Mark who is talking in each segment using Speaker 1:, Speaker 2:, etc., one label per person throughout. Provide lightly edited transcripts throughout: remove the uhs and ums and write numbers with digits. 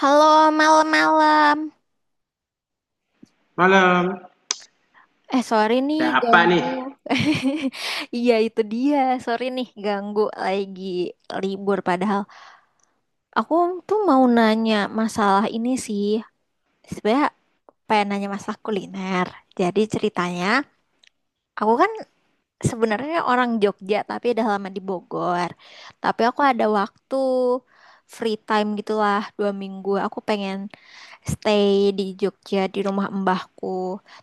Speaker 1: Halo, malam-malam.
Speaker 2: Malam.
Speaker 1: Eh, sorry nih,
Speaker 2: Ada apa
Speaker 1: ganggu.
Speaker 2: nih?
Speaker 1: Iya, itu dia. Sorry nih, ganggu lagi libur. Padahal aku tuh mau nanya masalah ini sih. Sebenernya pengen nanya masalah kuliner. Jadi ceritanya, aku kan sebenarnya orang Jogja, tapi udah lama di Bogor. Tapi aku ada waktu free time gitulah dua minggu. Aku pengen stay di Jogja di rumah mbahku.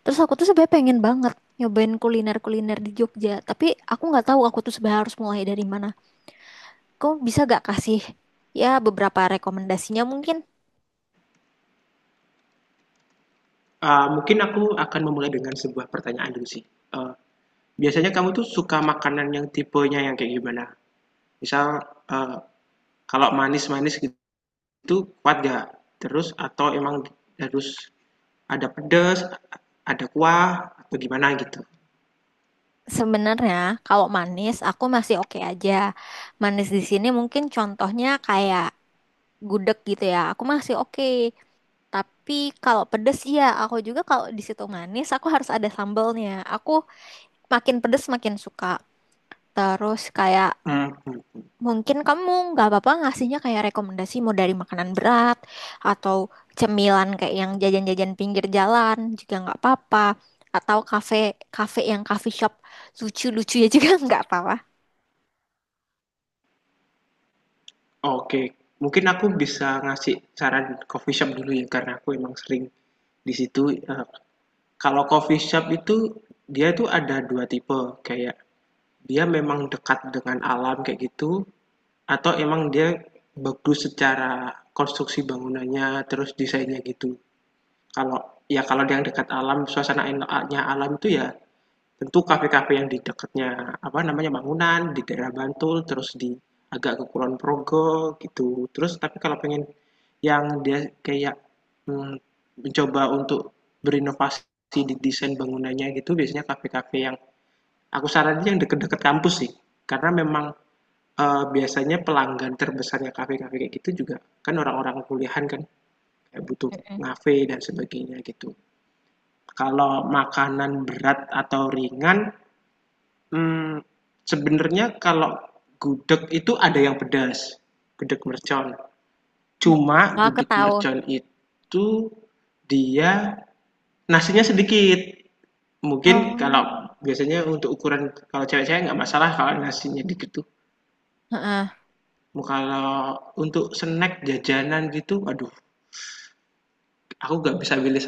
Speaker 1: Terus aku tuh sebenarnya pengen banget nyobain kuliner-kuliner di Jogja, tapi aku nggak tahu aku tuh sebenarnya harus mulai dari mana. Kamu bisa gak kasih ya beberapa rekomendasinya mungkin?
Speaker 2: Mungkin aku akan memulai dengan sebuah pertanyaan dulu sih. Eh, Biasanya kamu tuh suka makanan yang tipenya yang kayak gimana? Misal eh, kalau manis-manis gitu kuat gak? Terus atau emang harus ada pedas, ada kuah atau gimana gitu?
Speaker 1: Sebenarnya kalau manis aku masih oke aja. Manis di sini mungkin contohnya kayak gudeg gitu ya. Aku masih oke. Tapi kalau pedes ya aku juga kalau di situ manis aku harus ada sambalnya. Aku makin pedes makin suka. Terus kayak
Speaker 2: Mhm.
Speaker 1: mungkin kamu nggak apa-apa ngasihnya kayak rekomendasi mau dari makanan berat atau cemilan kayak yang jajan-jajan pinggir jalan juga nggak apa-apa. Atau kafe kafe yang coffee shop lucu-lucu ya juga nggak apa-apa.
Speaker 2: Oke, mungkin aku bisa ngasih saran coffee shop dulu ya karena aku emang sering di situ. Kalau coffee shop itu dia tuh ada dua tipe, kayak dia memang dekat dengan alam kayak gitu atau emang dia bagus secara konstruksi bangunannya terus desainnya gitu. Kalau ya kalau yang dekat alam, suasananya alam itu ya tentu kafe-kafe yang di dekatnya apa namanya bangunan di daerah Bantul terus di agak ke Kulon Progo gitu. Terus tapi kalau pengen yang dia kayak mm, mencoba untuk berinovasi di desain bangunannya gitu, biasanya kafe-kafe yang aku saranin yang deket-deket kampus sih, karena memang biasanya pelanggan terbesarnya kafe-kafe kayak gitu juga kan orang-orang kuliahan kan, kayak butuh
Speaker 1: Mm-mm.
Speaker 2: ngafe dan sebagainya gitu. Kalau makanan berat atau ringan, hmm, sebenarnya kalau gudeg itu ada yang pedas, gudeg mercon. Cuma
Speaker 1: Oh, aku
Speaker 2: gudeg
Speaker 1: tahu.
Speaker 2: mercon itu dia nasinya sedikit. Mungkin kalau
Speaker 1: Oh,
Speaker 2: biasanya untuk ukuran kalau cewek-cewek nggak masalah kalau nasinya dikit.
Speaker 1: heeh.
Speaker 2: Kalau untuk snack, jajanan gitu, aduh aku nggak bisa pilih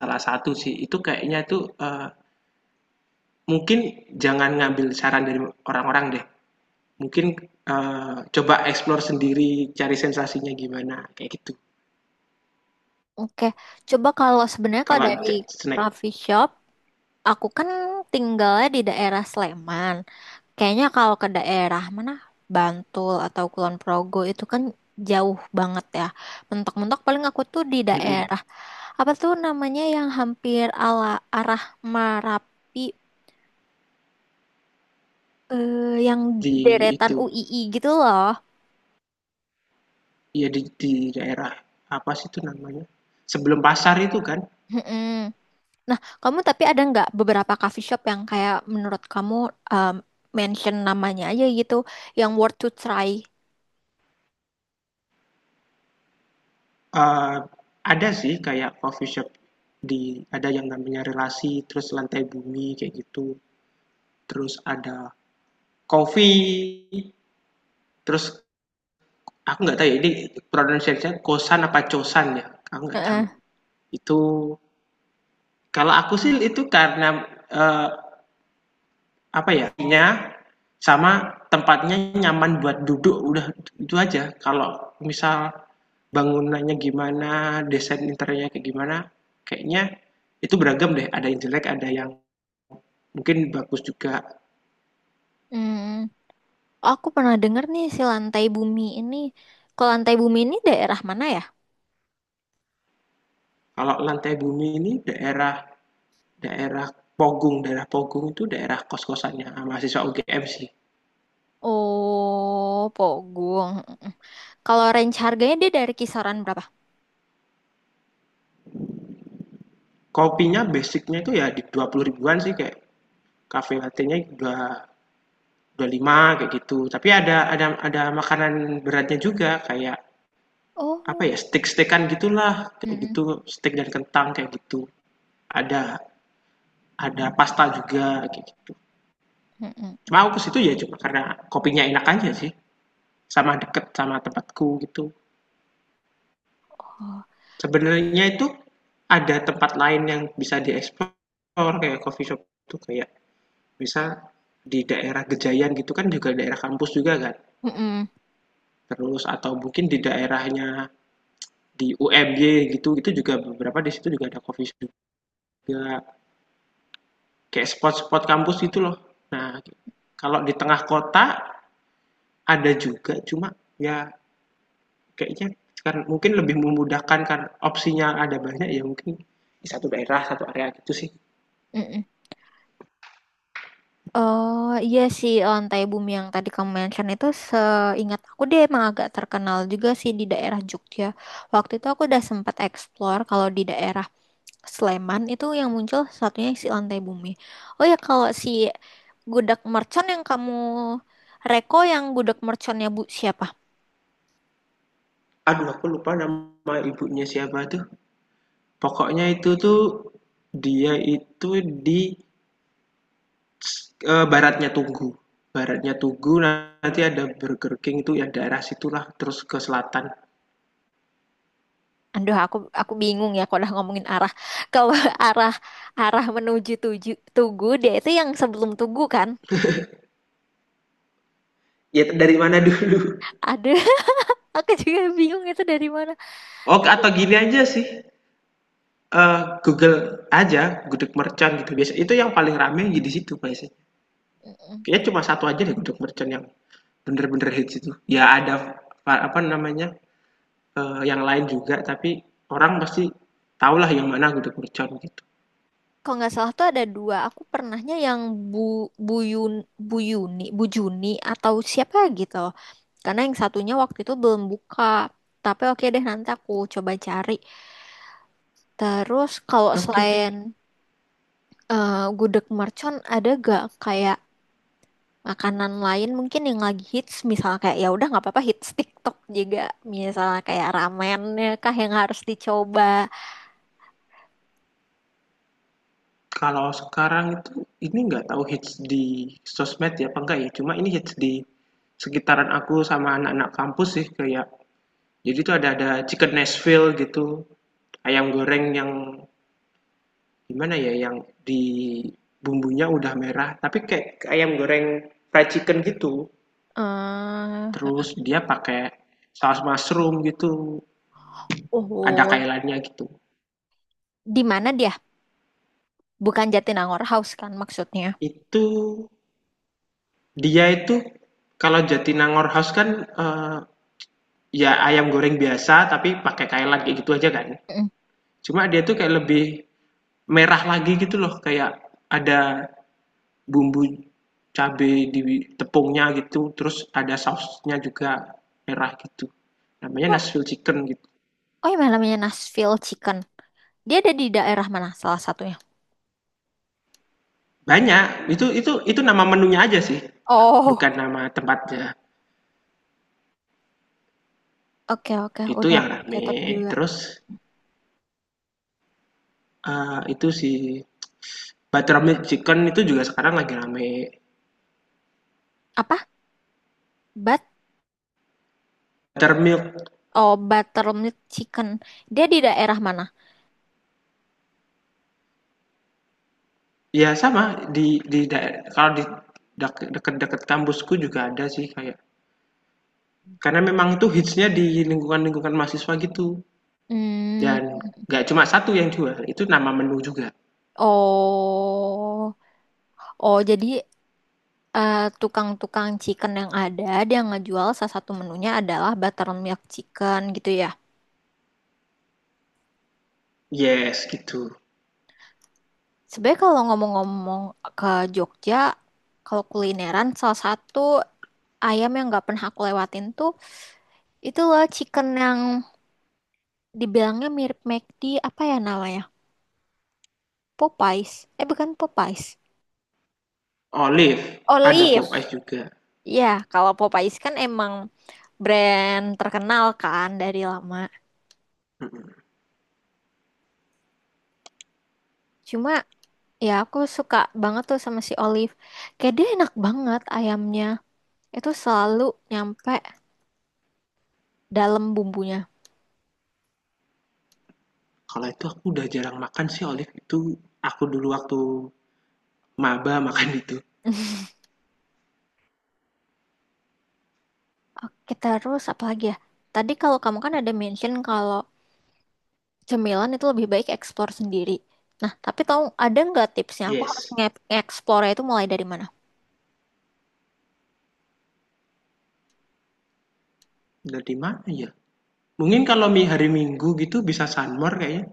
Speaker 2: salah satu sih. Itu kayaknya tuh, mungkin jangan ngambil saran dari orang-orang deh. Mungkin, coba explore sendiri, cari sensasinya gimana, kayak gitu.
Speaker 1: Oke. Coba kalau sebenarnya kalau
Speaker 2: Kalau
Speaker 1: dari
Speaker 2: ja snack
Speaker 1: coffee shop, aku kan tinggalnya di daerah Sleman. Kayaknya kalau ke daerah mana Bantul atau Kulon Progo itu kan jauh banget ya. Mentok-mentok paling aku tuh di
Speaker 2: mhm,
Speaker 1: daerah apa tuh namanya yang hampir ala arah Merapi, eh, yang
Speaker 2: di
Speaker 1: deretan
Speaker 2: itu,
Speaker 1: UII gitu loh.
Speaker 2: ya di daerah apa sih itu namanya, sebelum pasar itu kan,
Speaker 1: Mm-mm. Nah, kamu tapi ada nggak beberapa coffee shop yang kayak menurut kamu, um, mention namanya aja gitu yang worth to try?
Speaker 2: eee, ada sih kayak coffee shop di, ada yang namanya Relasi, terus Lantai Bumi, kayak gitu. Terus ada Coffee, terus aku nggak tahu ya ini pronunciation Kosan apa Cosan ya, aku nggak tahu.
Speaker 1: Heeh.
Speaker 2: Itu kalau aku sih itu karena eh, apa ya, nya sama tempatnya nyaman buat duduk udah itu aja. Kalau misal bangunannya gimana, desain interiornya kayak gimana, kayaknya itu beragam deh. Ada yang jelek, ada yang mungkin bagus juga.
Speaker 1: Mm. Aku pernah dengar nih si lantai bumi ini. Kalau lantai bumi ini daerah mana ya?
Speaker 2: Kalau lantai bumi ini daerah daerah Pogung itu daerah kos-kosannya ah, mahasiswa UGM sih.
Speaker 1: Oh, Pogung. Mm-mm. Kalau range harganya dia dari kisaran berapa?
Speaker 2: Kopinya basicnya itu ya di 20 ribuan sih, kayak cafe latte-nya 25 kayak gitu. Tapi ada makanan beratnya juga kayak apa ya,
Speaker 1: Oh.
Speaker 2: steak-steakan gitulah kayak
Speaker 1: Mm-mm.
Speaker 2: gitu, steak dan kentang kayak gitu. Ada ada pasta juga kayak gitu.
Speaker 1: Mm-mm.
Speaker 2: Cuma aku ke situ ya cuma karena kopinya enak aja sih, sama deket sama tempatku gitu.
Speaker 1: Oh.
Speaker 2: Sebenarnya itu ada tempat lain yang bisa dieksplor, kayak coffee shop itu kayak bisa di daerah Gejayan gitu kan juga daerah kampus juga kan.
Speaker 1: Mm-mm.
Speaker 2: Terus atau mungkin di daerahnya di UMY gitu, itu juga beberapa di situ juga ada coffee shop juga. Kayak spot-spot kampus gitu loh. Nah, kalau di tengah kota ada juga, cuma ya kayaknya kan mungkin lebih memudahkan kan opsinya ada banyak ya mungkin di satu daerah, satu area gitu sih.
Speaker 1: Mm-mm. Oh, iya sih lantai bumi yang tadi kamu mention itu seingat aku dia emang agak terkenal juga sih di daerah Jogja. Waktu itu aku udah sempat explore kalau di daerah Sleman itu yang muncul satunya si lantai bumi. Oh ya kalau si gudeg mercon yang kamu yang gudeg merconnya Bu siapa?
Speaker 2: Aduh, aku lupa nama ibunya siapa tuh. Pokoknya itu tuh dia itu di baratnya Tugu. Baratnya Tugu nanti ada Burger King, itu ya daerah situlah terus ke selatan.
Speaker 1: Aduh, aku bingung ya kalau udah ngomongin arah. Kalau arah arah menuju Tugu, dia itu yang sebelum Tugu kan?
Speaker 2: Ya dari mana dulu?
Speaker 1: Aduh, aku juga bingung itu dari mana.
Speaker 2: Oh,
Speaker 1: Tapi
Speaker 2: atau gini aja sih. Google aja gudeg mercon gitu biasa. Itu yang paling rame di situ biasanya.
Speaker 1: mm,
Speaker 2: Kayaknya cuma satu aja deh gudeg mercon yang bener-bener hits itu. Ya ada apa namanya? Yang lain juga, tapi orang pasti tahulah yang mana gudeg mercon gitu.
Speaker 1: kalau nggak salah tuh ada dua. Aku pernahnya yang Bu Buyun Buyuni, Bu Yuni, Bu Juni atau siapa gitu. Karena yang satunya waktu itu belum buka. Tapi oke deh nanti aku coba cari. Terus kalau
Speaker 2: Oke, oke.
Speaker 1: selain gudeg mercon ada gak kayak makanan lain mungkin yang lagi hits misal kayak ya udah nggak apa-apa hits TikTok juga misalnya kayak ramennya kah yang harus dicoba.
Speaker 2: Kalau sekarang itu ini nggak tahu hits di sosmed ya apa enggak ya, cuma ini hits di sekitaran aku sama anak-anak kampus sih, kayak jadi tuh ada chicken Nashville gitu, ayam goreng yang gimana ya, yang di bumbunya udah merah, tapi kayak ayam goreng fried chicken gitu. Terus
Speaker 1: Eh,
Speaker 2: dia pakai saus mushroom gitu, ada
Speaker 1: oh,
Speaker 2: kailannya gitu.
Speaker 1: di mana dia, bukan Jatinangor House kan maksudnya?
Speaker 2: Itu dia itu kalau Jatinangor House kan, ya ayam goreng biasa tapi pakai kailan kayak gitu aja kan.
Speaker 1: Mm.
Speaker 2: Cuma dia tuh kayak lebih merah lagi gitu loh, kayak ada bumbu cabai di tepungnya gitu, terus ada sausnya juga merah gitu. Namanya
Speaker 1: Oh,
Speaker 2: Nashville Chicken gitu.
Speaker 1: oh yang namanya Nashville Chicken, dia ada di daerah mana salah satunya?
Speaker 2: Banyak, itu nama menunya aja sih, bukan
Speaker 1: Oh,
Speaker 2: nama tempatnya.
Speaker 1: oke oke,
Speaker 2: Itu
Speaker 1: udah
Speaker 2: yang
Speaker 1: aku
Speaker 2: rame,
Speaker 1: catat juga.
Speaker 2: terus, itu sih Buttermilk Chicken itu juga sekarang lagi rame.
Speaker 1: Apa? but
Speaker 2: Buttermilk,
Speaker 1: oh, buttermilk chicken, dia di daerah mana?
Speaker 2: ya sama di kalau di deket-deket kampusku juga ada sih, kayak karena memang itu hitsnya di lingkungan-lingkungan mahasiswa gitu,
Speaker 1: Hmm.
Speaker 2: dan nggak cuma satu yang jual, itu nama menu juga.
Speaker 1: Oh, oh jadi, eh, tukang-tukang chicken yang ada dia ngejual salah satu menunya adalah buttermilk chicken gitu ya.
Speaker 2: Yes, gitu.
Speaker 1: Sebenarnya kalau ngomong-ngomong ke Jogja, kalau kulineran salah satu ayam yang nggak pernah aku lewatin tuh itu loh chicken yang dibilangnya mirip McD apa ya namanya? Popeyes. Eh bukan Popeyes.
Speaker 2: Olive, ada Pop
Speaker 1: Olive.
Speaker 2: Ice juga,
Speaker 1: Ya, kalau Popeyes kan emang brand terkenal kan dari lama.
Speaker 2: mhm.
Speaker 1: Cuma ya, aku suka banget tuh sama si Olive. Kayak dia enak banget ayamnya. Itu selalu nyampe dalam bumbunya.
Speaker 2: Kalau itu aku udah jarang makan sih olive itu, aku dulu waktu maba makan itu.
Speaker 1: Oke, terus apa lagi ya? Tadi kalau kamu kan ada mention kalau cemilan itu lebih baik eksplor sendiri. Nah, tapi tahu ada nggak tipsnya? Aku harus
Speaker 2: Yes.
Speaker 1: nge-explore-nya itu mulai dari mana?
Speaker 2: Dari mana ya? Mungkin kalau mi hari Minggu gitu bisa Sunmor kayaknya,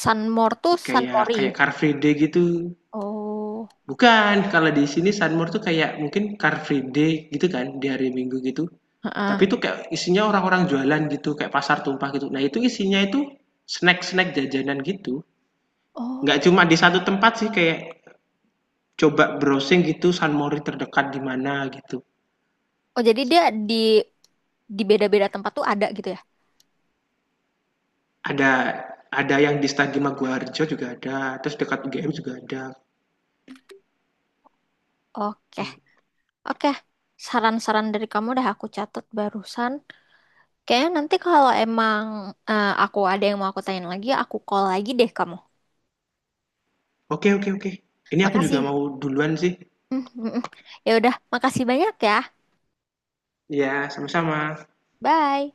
Speaker 1: Sunmore tuh
Speaker 2: kayak
Speaker 1: Sunmori.
Speaker 2: kayak Car Free Day gitu.
Speaker 1: Oh,
Speaker 2: Bukan, kalau di sini Sunmore tuh kayak mungkin Car Free Day gitu kan, di hari Minggu gitu.
Speaker 1: heeh.
Speaker 2: Tapi itu kayak isinya orang-orang jualan gitu, kayak pasar tumpah gitu. Nah, itu isinya itu snack-snack jajanan gitu. Nggak
Speaker 1: Oh,
Speaker 2: cuma di satu tempat sih, kayak coba browsing gitu Sunmori terdekat di mana gitu.
Speaker 1: oh jadi dia di beda-beda tempat tuh ada gitu ya?
Speaker 2: Ada ada yang di Stadion Maguwarjo juga ada, terus dekat UGM juga ada.
Speaker 1: Oke, Oke, saran-saran dari kamu udah aku catat barusan. Kayaknya nanti kalau emang, aku ada yang mau aku tanyain lagi, aku call lagi deh kamu.
Speaker 2: Oke, oke, oke. Ini aku juga
Speaker 1: Makasih.
Speaker 2: mau duluan sih.
Speaker 1: Mm, mm, mm. Ya udah, makasih banyak ya.
Speaker 2: Ya, sama-sama.
Speaker 1: Bye.